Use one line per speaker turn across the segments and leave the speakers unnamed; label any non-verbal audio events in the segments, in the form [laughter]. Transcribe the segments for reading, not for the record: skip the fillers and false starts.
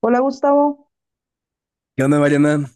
Hola Gustavo,
¿Qué onda, Mariana?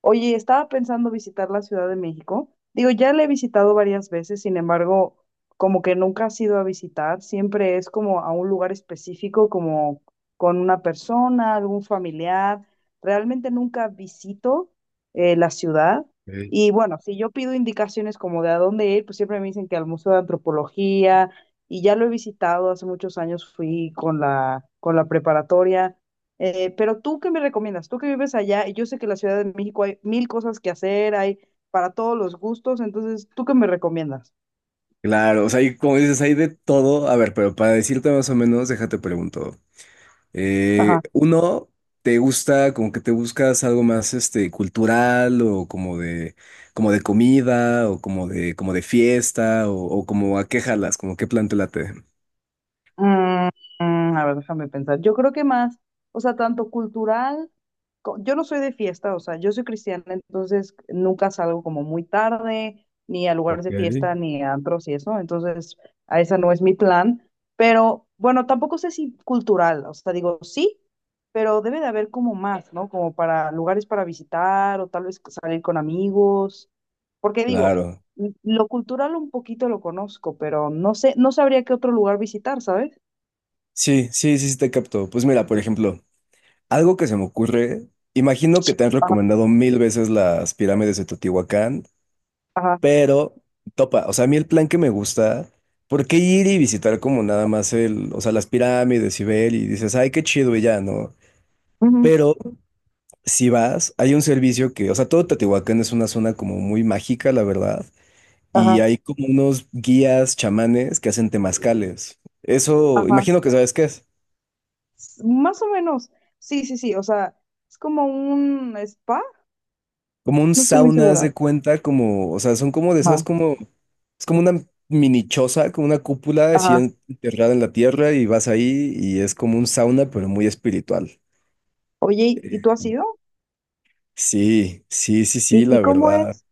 oye, estaba pensando visitar la Ciudad de México. Digo, ya la he visitado varias veces, sin embargo, como que nunca has ido a visitar, siempre es como a un lugar específico, como con una persona, algún familiar. Realmente nunca visito la ciudad.
Ey.
Y bueno, si yo pido indicaciones como de a dónde ir, pues siempre me dicen que al Museo de Antropología, y ya lo he visitado, hace muchos años fui con con la preparatoria. Pero tú, ¿qué me recomiendas? Tú que vives allá, y yo sé que en la Ciudad de México hay mil cosas que hacer, hay para todos los gustos, entonces, ¿tú qué me recomiendas?
Claro, o sea, hay, como dices, hay de todo. A ver, pero para decirte más o menos, déjate pregunto.
Ajá.
Uno, ¿te gusta, como que te buscas algo más, cultural o como de comida o como de fiesta o como a qué jalas, como qué plan te late?
Mm, a ver, déjame pensar. Yo creo que más, o sea, tanto cultural, yo no soy de fiesta, o sea, yo soy cristiana, entonces nunca salgo como muy tarde, ni a lugares
Ok,
de fiesta, ni a antros y eso, entonces a esa no es mi plan, pero bueno, tampoco sé si cultural, o sea, digo, sí, pero debe de haber como más, ¿no? Como para lugares para visitar o tal vez salir con amigos, porque digo,
claro.
lo cultural un poquito lo conozco, pero no sé, no sabría qué otro lugar visitar, ¿sabes?
Sí, sí, sí, sí te capto. Pues mira, por ejemplo, algo que se me ocurre, imagino que te han recomendado mil veces las pirámides de Teotihuacán. Pero topa, o sea, a mí el plan que me gusta, ¿por qué ir y visitar como nada más o sea, las pirámides y ver y dices, ay, qué chido y ya, ¿no?
Ujú.
Pero si vas, hay un servicio que, o sea, todo Teotihuacán es una zona como muy mágica, la verdad, y
Ajá,
hay como unos guías chamanes que hacen temazcales. Eso,
ajá.
imagino que sabes qué es.
Más o menos. Sí, sí, sí. O sea, es como un spa.
Como un
No estoy muy
sauna, haz
segura.
de cuenta, como, o sea, son como de
Ajá,
esas, como, es como una mini choza, como una cúpula así
ajá.
enterrada en la tierra y vas ahí y es como un sauna, pero muy espiritual.
Oye,
Eh,
¿y tú has ido?
Sí, sí, sí, sí, la
Y cómo
verdad.
es?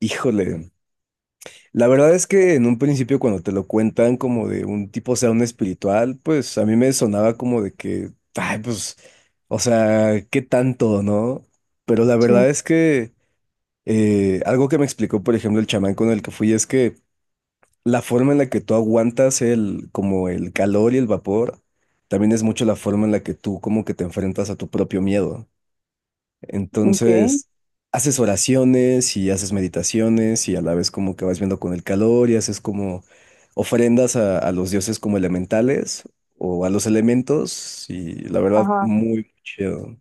Híjole. La verdad es que en un principio cuando te lo cuentan como de un tipo sauna espiritual, pues a mí me sonaba como de que, ay, pues, o sea, ¿qué tanto, no? Pero la verdad
Sí.
es que algo que me explicó, por ejemplo, el chamán con el que fui es que la forma en la que tú aguantas el, como el calor y el vapor, también es mucho la forma en la que tú como que te enfrentas a tu propio miedo.
Ok.
Entonces, haces oraciones y haces meditaciones y a la vez como que vas viendo con el calor y haces como ofrendas a los dioses como elementales o a los elementos y la verdad,
Ajá.
muy chido.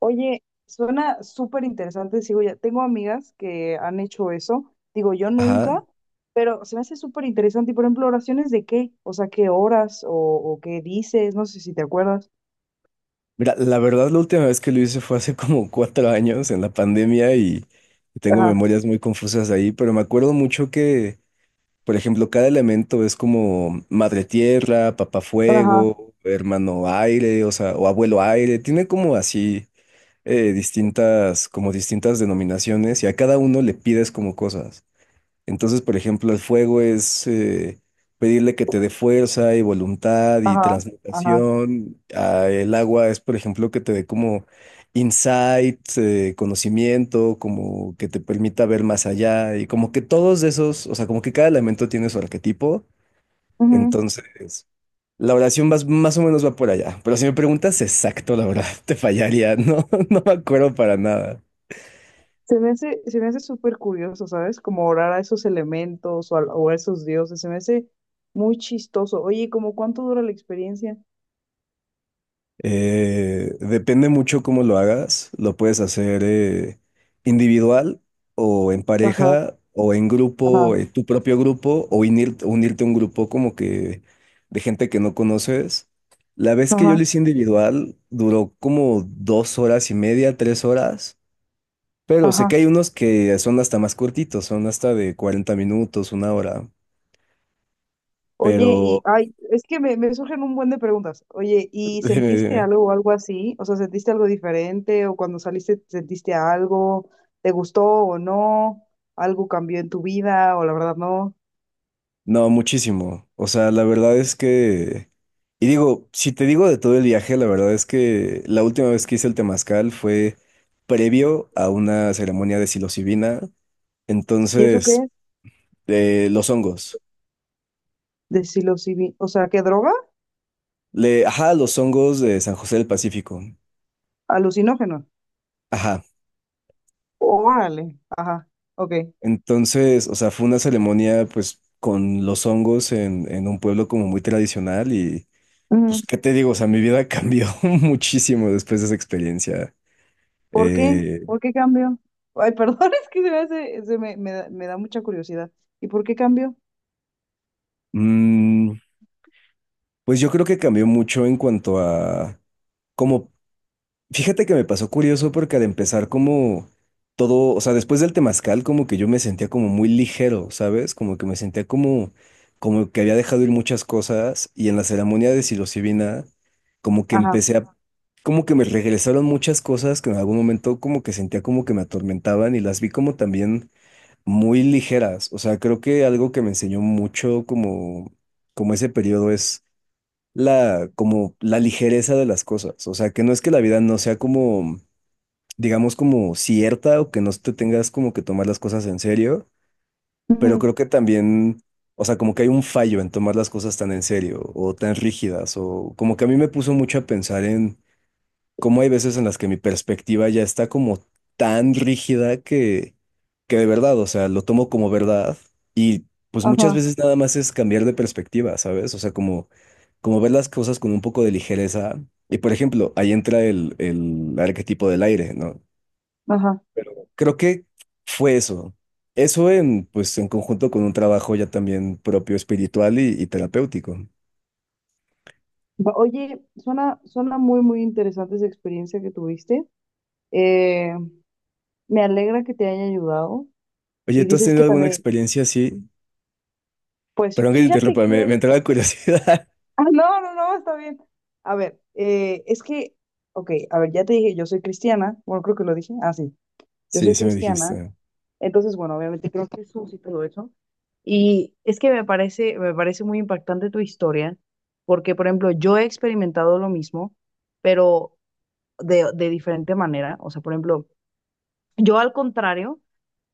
Oye, suena súper interesante. Sigo ya. Tengo amigas que han hecho eso. Digo, yo
Ajá.
nunca, pero se me hace súper interesante. Y por ejemplo, ¿oraciones de qué? O sea, ¿qué horas o qué dices? No sé si te acuerdas.
Mira, la verdad, la última vez que lo hice fue hace como 4 años en la pandemia y tengo
Ajá,
memorias muy confusas de ahí, pero me acuerdo mucho que, por ejemplo, cada elemento es como madre tierra, papá
ajá,
fuego, hermano aire, o sea, o abuelo aire, tiene como así distintas, como distintas denominaciones y a cada uno le pides como cosas. Entonces, por ejemplo, el fuego es pedirle que te dé fuerza y voluntad y
ajá, ajá.
transmutación. Ah, el agua es, por ejemplo, que te dé como insight, conocimiento, como que te permita ver más allá y como que todos esos, o sea, como que cada elemento tiene su arquetipo.
Ujú.
Entonces, la oración más, más o menos va por allá. Pero si me preguntas exacto, la verdad, [laughs] te fallaría. No, [laughs] no me acuerdo para nada.
Se me hace súper curioso, ¿sabes? Como orar a esos elementos o a esos dioses. Se me hace muy chistoso. Oye, ¿cómo cuánto dura la experiencia?
Depende mucho cómo lo hagas. Lo puedes hacer individual o en
Ajá,
pareja o en
ajá,
grupo, tu propio grupo o unirte a un grupo como que de gente que no conoces. La vez que yo
ajá,
lo hice individual duró como 2 horas y media, 3 horas, pero sé que
ajá.
hay unos que son hasta más cortitos, son hasta de 40 minutos, una hora,
Oye, y
pero
ay, es que me surgen un buen de preguntas. Oye, ¿y sentiste
[laughs]
algo o algo así? O sea, ¿sentiste algo diferente? ¿O cuando saliste sentiste algo? ¿Te gustó o no? ¿Algo cambió en tu vida o la verdad no?
No, muchísimo. O sea, la verdad es que... Y digo, si te digo de todo el viaje, la verdad es que la última vez que hice el temazcal fue previo a una ceremonia de psilocibina.
¿Y eso
Entonces,
qué?
los hongos.
O sea, ¿qué droga?
Le, ajá, los hongos de San José del Pacífico.
Alucinógeno.
Ajá.
Órale. Ajá. Ok.
Entonces, o sea, fue una ceremonia pues con los hongos en un pueblo como muy tradicional y pues,
Ujú.
¿qué te digo? O sea, mi vida cambió [laughs] muchísimo después de esa experiencia.
¿Por qué?
eh,
¿Por qué cambió? Ay, perdón, [laughs] es que se me hace, se me, me da mucha curiosidad. ¿Y por qué cambió?
Mm, pues yo creo que cambió mucho en cuanto a, como, fíjate que me pasó curioso porque al empezar como todo, o sea, después del temazcal como que yo me sentía como muy ligero, ¿sabes? Como que me sentía como, como que había dejado ir muchas cosas y en la ceremonia de psilocibina como que
Ajá.
empecé a, como que me regresaron muchas cosas que en algún momento como que sentía como que me atormentaban y las vi como también muy ligeras, o sea, creo que algo que me enseñó mucho como ese periodo es la, como la ligereza de las cosas. O sea, que no es que la vida no sea como, digamos, como cierta o que no te tengas como que tomar las cosas en serio, pero
Ujú.
creo que también, o sea, como que hay un fallo en tomar las cosas tan en serio o tan rígidas o como que a mí me puso mucho a pensar en como hay veces en las que mi perspectiva ya está como tan rígida que de verdad, o sea, lo tomo como verdad y pues muchas
Ajá.
veces nada más es cambiar de perspectiva, ¿sabes? O sea, como, como ver las cosas con un poco de ligereza. Y por ejemplo, ahí entra el arquetipo del aire, ¿no?
Ajá.
Pero creo que fue eso. Eso en, pues, en conjunto con un trabajo ya también propio espiritual y terapéutico.
Oye, suena, suena muy, muy interesante esa experiencia que tuviste. Eh, me alegra que te haya ayudado.
Oye,
Y
¿tú has
dices
tenido
que
alguna
también,
experiencia así?
pues
Perdón que te
fíjate
interrumpa,
que...
me,
[laughs]
me entró la curiosidad.
Ah, no, no, no, está bien. A ver, es que, ok, a ver, ya te dije, yo soy cristiana. Bueno, creo que lo dije. Ah, sí, yo
Sí,
soy
sí me
cristiana.
dijiste.
Entonces, bueno, obviamente creo que Jesús y todo eso. Y es que me parece muy impactante tu historia, porque, por ejemplo, yo he experimentado lo mismo, pero de diferente manera. O sea, por ejemplo... Yo al contrario,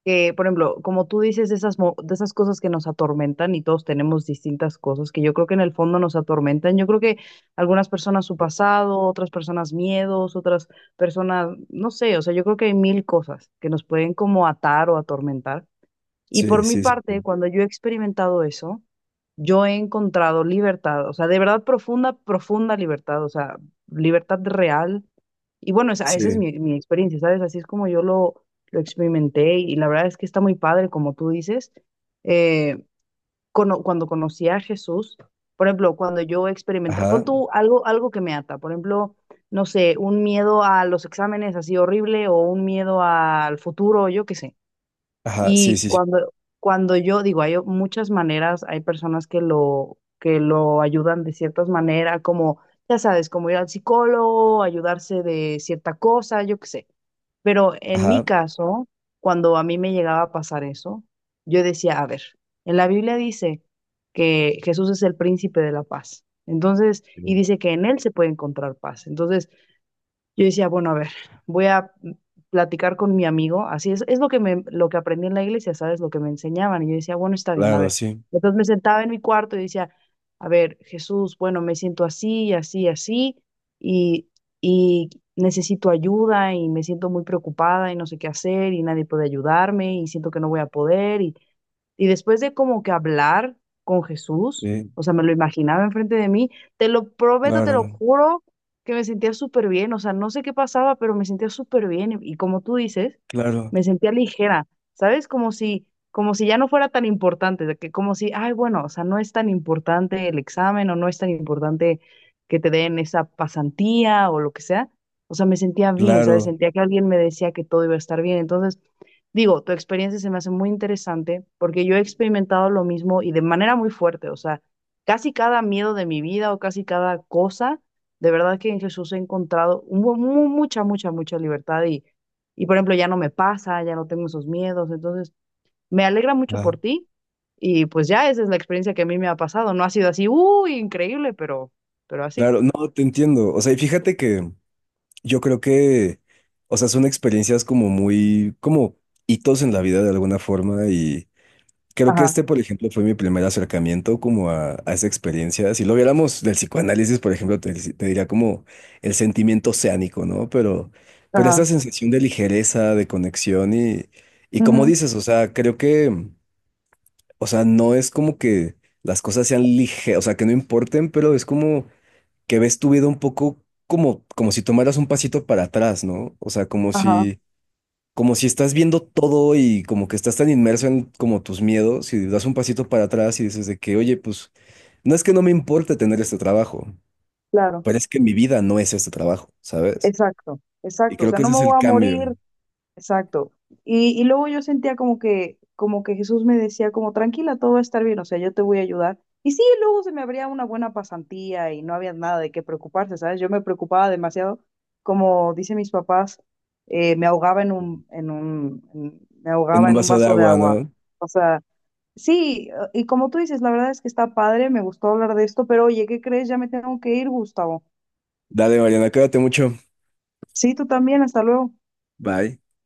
que por ejemplo, como tú dices, de esas cosas que nos atormentan y todos tenemos distintas cosas que yo creo que en el fondo nos atormentan. Yo creo que algunas personas su pasado, otras personas miedos, otras personas, no sé, o sea, yo creo que hay mil cosas que nos pueden como atar o atormentar. Y por
Sí,
mi
sí, sí.
parte, cuando yo he experimentado eso, yo he encontrado libertad, o sea, de verdad profunda, profunda libertad, o sea, libertad real. Y bueno, esa es
Sí.
mi experiencia, ¿sabes? Así es como yo lo experimenté y la verdad es que está muy padre, como tú dices. Eh, Cuando conocí a Jesús, por ejemplo, cuando yo experimentaba, pon
Ajá,
tú algo, algo que me ata, por ejemplo, no sé, un miedo a los exámenes así horrible o un miedo al futuro, yo qué sé.
ajá, sí,
y
sí, sí.
cuando, Cuando yo digo, hay muchas maneras, hay personas que lo ayudan de ciertas maneras, como, ya sabes, como ir al psicólogo, ayudarse de cierta cosa, yo qué sé. Pero en mi
Ajá.
caso, cuando a mí me llegaba a pasar eso, yo decía, a ver, en la Biblia dice que Jesús es el príncipe de la paz. Entonces, y
Sí.
dice que en él se puede encontrar paz. Entonces, yo decía, bueno, a ver, voy a platicar con mi amigo, así es lo que me, lo que aprendí en la iglesia, ¿sabes? Lo que me enseñaban. Y yo decía, bueno, está bien, a
Claro,
ver.
sí.
Entonces me sentaba en mi cuarto y decía, a ver, Jesús, bueno, me siento así, así, así, y, y necesito ayuda y me siento muy preocupada y no sé qué hacer y nadie puede ayudarme y siento que no voy a poder. Y después de como que hablar con Jesús,
Sí,
o sea, me lo imaginaba enfrente de mí, te lo prometo, te
claro,
lo juro, que me sentía súper bien, o sea, no sé qué pasaba, pero me sentía súper bien y como tú dices,
claro,
me sentía ligera, ¿sabes? Como si ya no fuera tan importante, de que como si, ay, bueno, o sea, no es tan importante el examen o no es tan importante que te den esa pasantía o lo que sea. O sea, me sentía bien, ¿sabes?
claro.
Sentía que alguien me decía que todo iba a estar bien. Entonces, digo, tu experiencia se me hace muy interesante porque yo he experimentado lo mismo y de manera muy fuerte, o sea, casi cada miedo de mi vida o casi cada cosa, de verdad que en Jesús he encontrado mucha, mucha, mucha libertad y, por ejemplo, ya no me pasa, ya no tengo esos miedos, entonces me alegra mucho por
Ajá,
ti y pues ya esa es la experiencia que a mí me ha pasado, no ha sido así, uy, increíble, pero así.
claro, no, te entiendo. O sea, y fíjate que yo creo que, o sea, son experiencias como muy, como hitos en la vida de alguna forma. Creo que
Ajá,
este, por ejemplo, fue mi primer acercamiento como a esa experiencia. Si lo viéramos del psicoanálisis, por ejemplo, te diría como el sentimiento oceánico, ¿no? Pero esta
ajá,
sensación de ligereza, de conexión y como
ujú,
dices, o sea, creo que, o sea, no es como que las cosas sean ligeras, o sea, que no importen, pero es como que ves tu vida un poco como, como si tomaras un pasito para atrás, ¿no? O sea,
ajá,
como si estás viendo todo y como que estás tan inmerso en como tus miedos y das un pasito para atrás y dices de que, oye, pues no es que no me importe tener este trabajo,
claro,
pero es que mi vida no es este trabajo, ¿sabes?
exacto,
Y
exacto. O
creo
sea,
que
no
ese
me
es el
voy a
cambio
morir. Exacto. Y luego yo sentía como que Jesús me decía como, tranquila, todo va a estar bien, o sea, yo te voy a ayudar. Y sí, luego se me abría una buena pasantía y no había nada de qué preocuparse, ¿sabes? Yo me preocupaba demasiado, como dicen mis papás, me ahogaba en me
en
ahogaba
un
en un
vaso de
vaso de
agua,
agua.
¿no?
O sea, sí, y como tú dices, la verdad es que está padre, me gustó hablar de esto, pero oye, ¿qué crees? Ya me tengo que ir, Gustavo.
Dale, Mariana, cuídate mucho.
Sí, tú también, hasta luego.
Bye.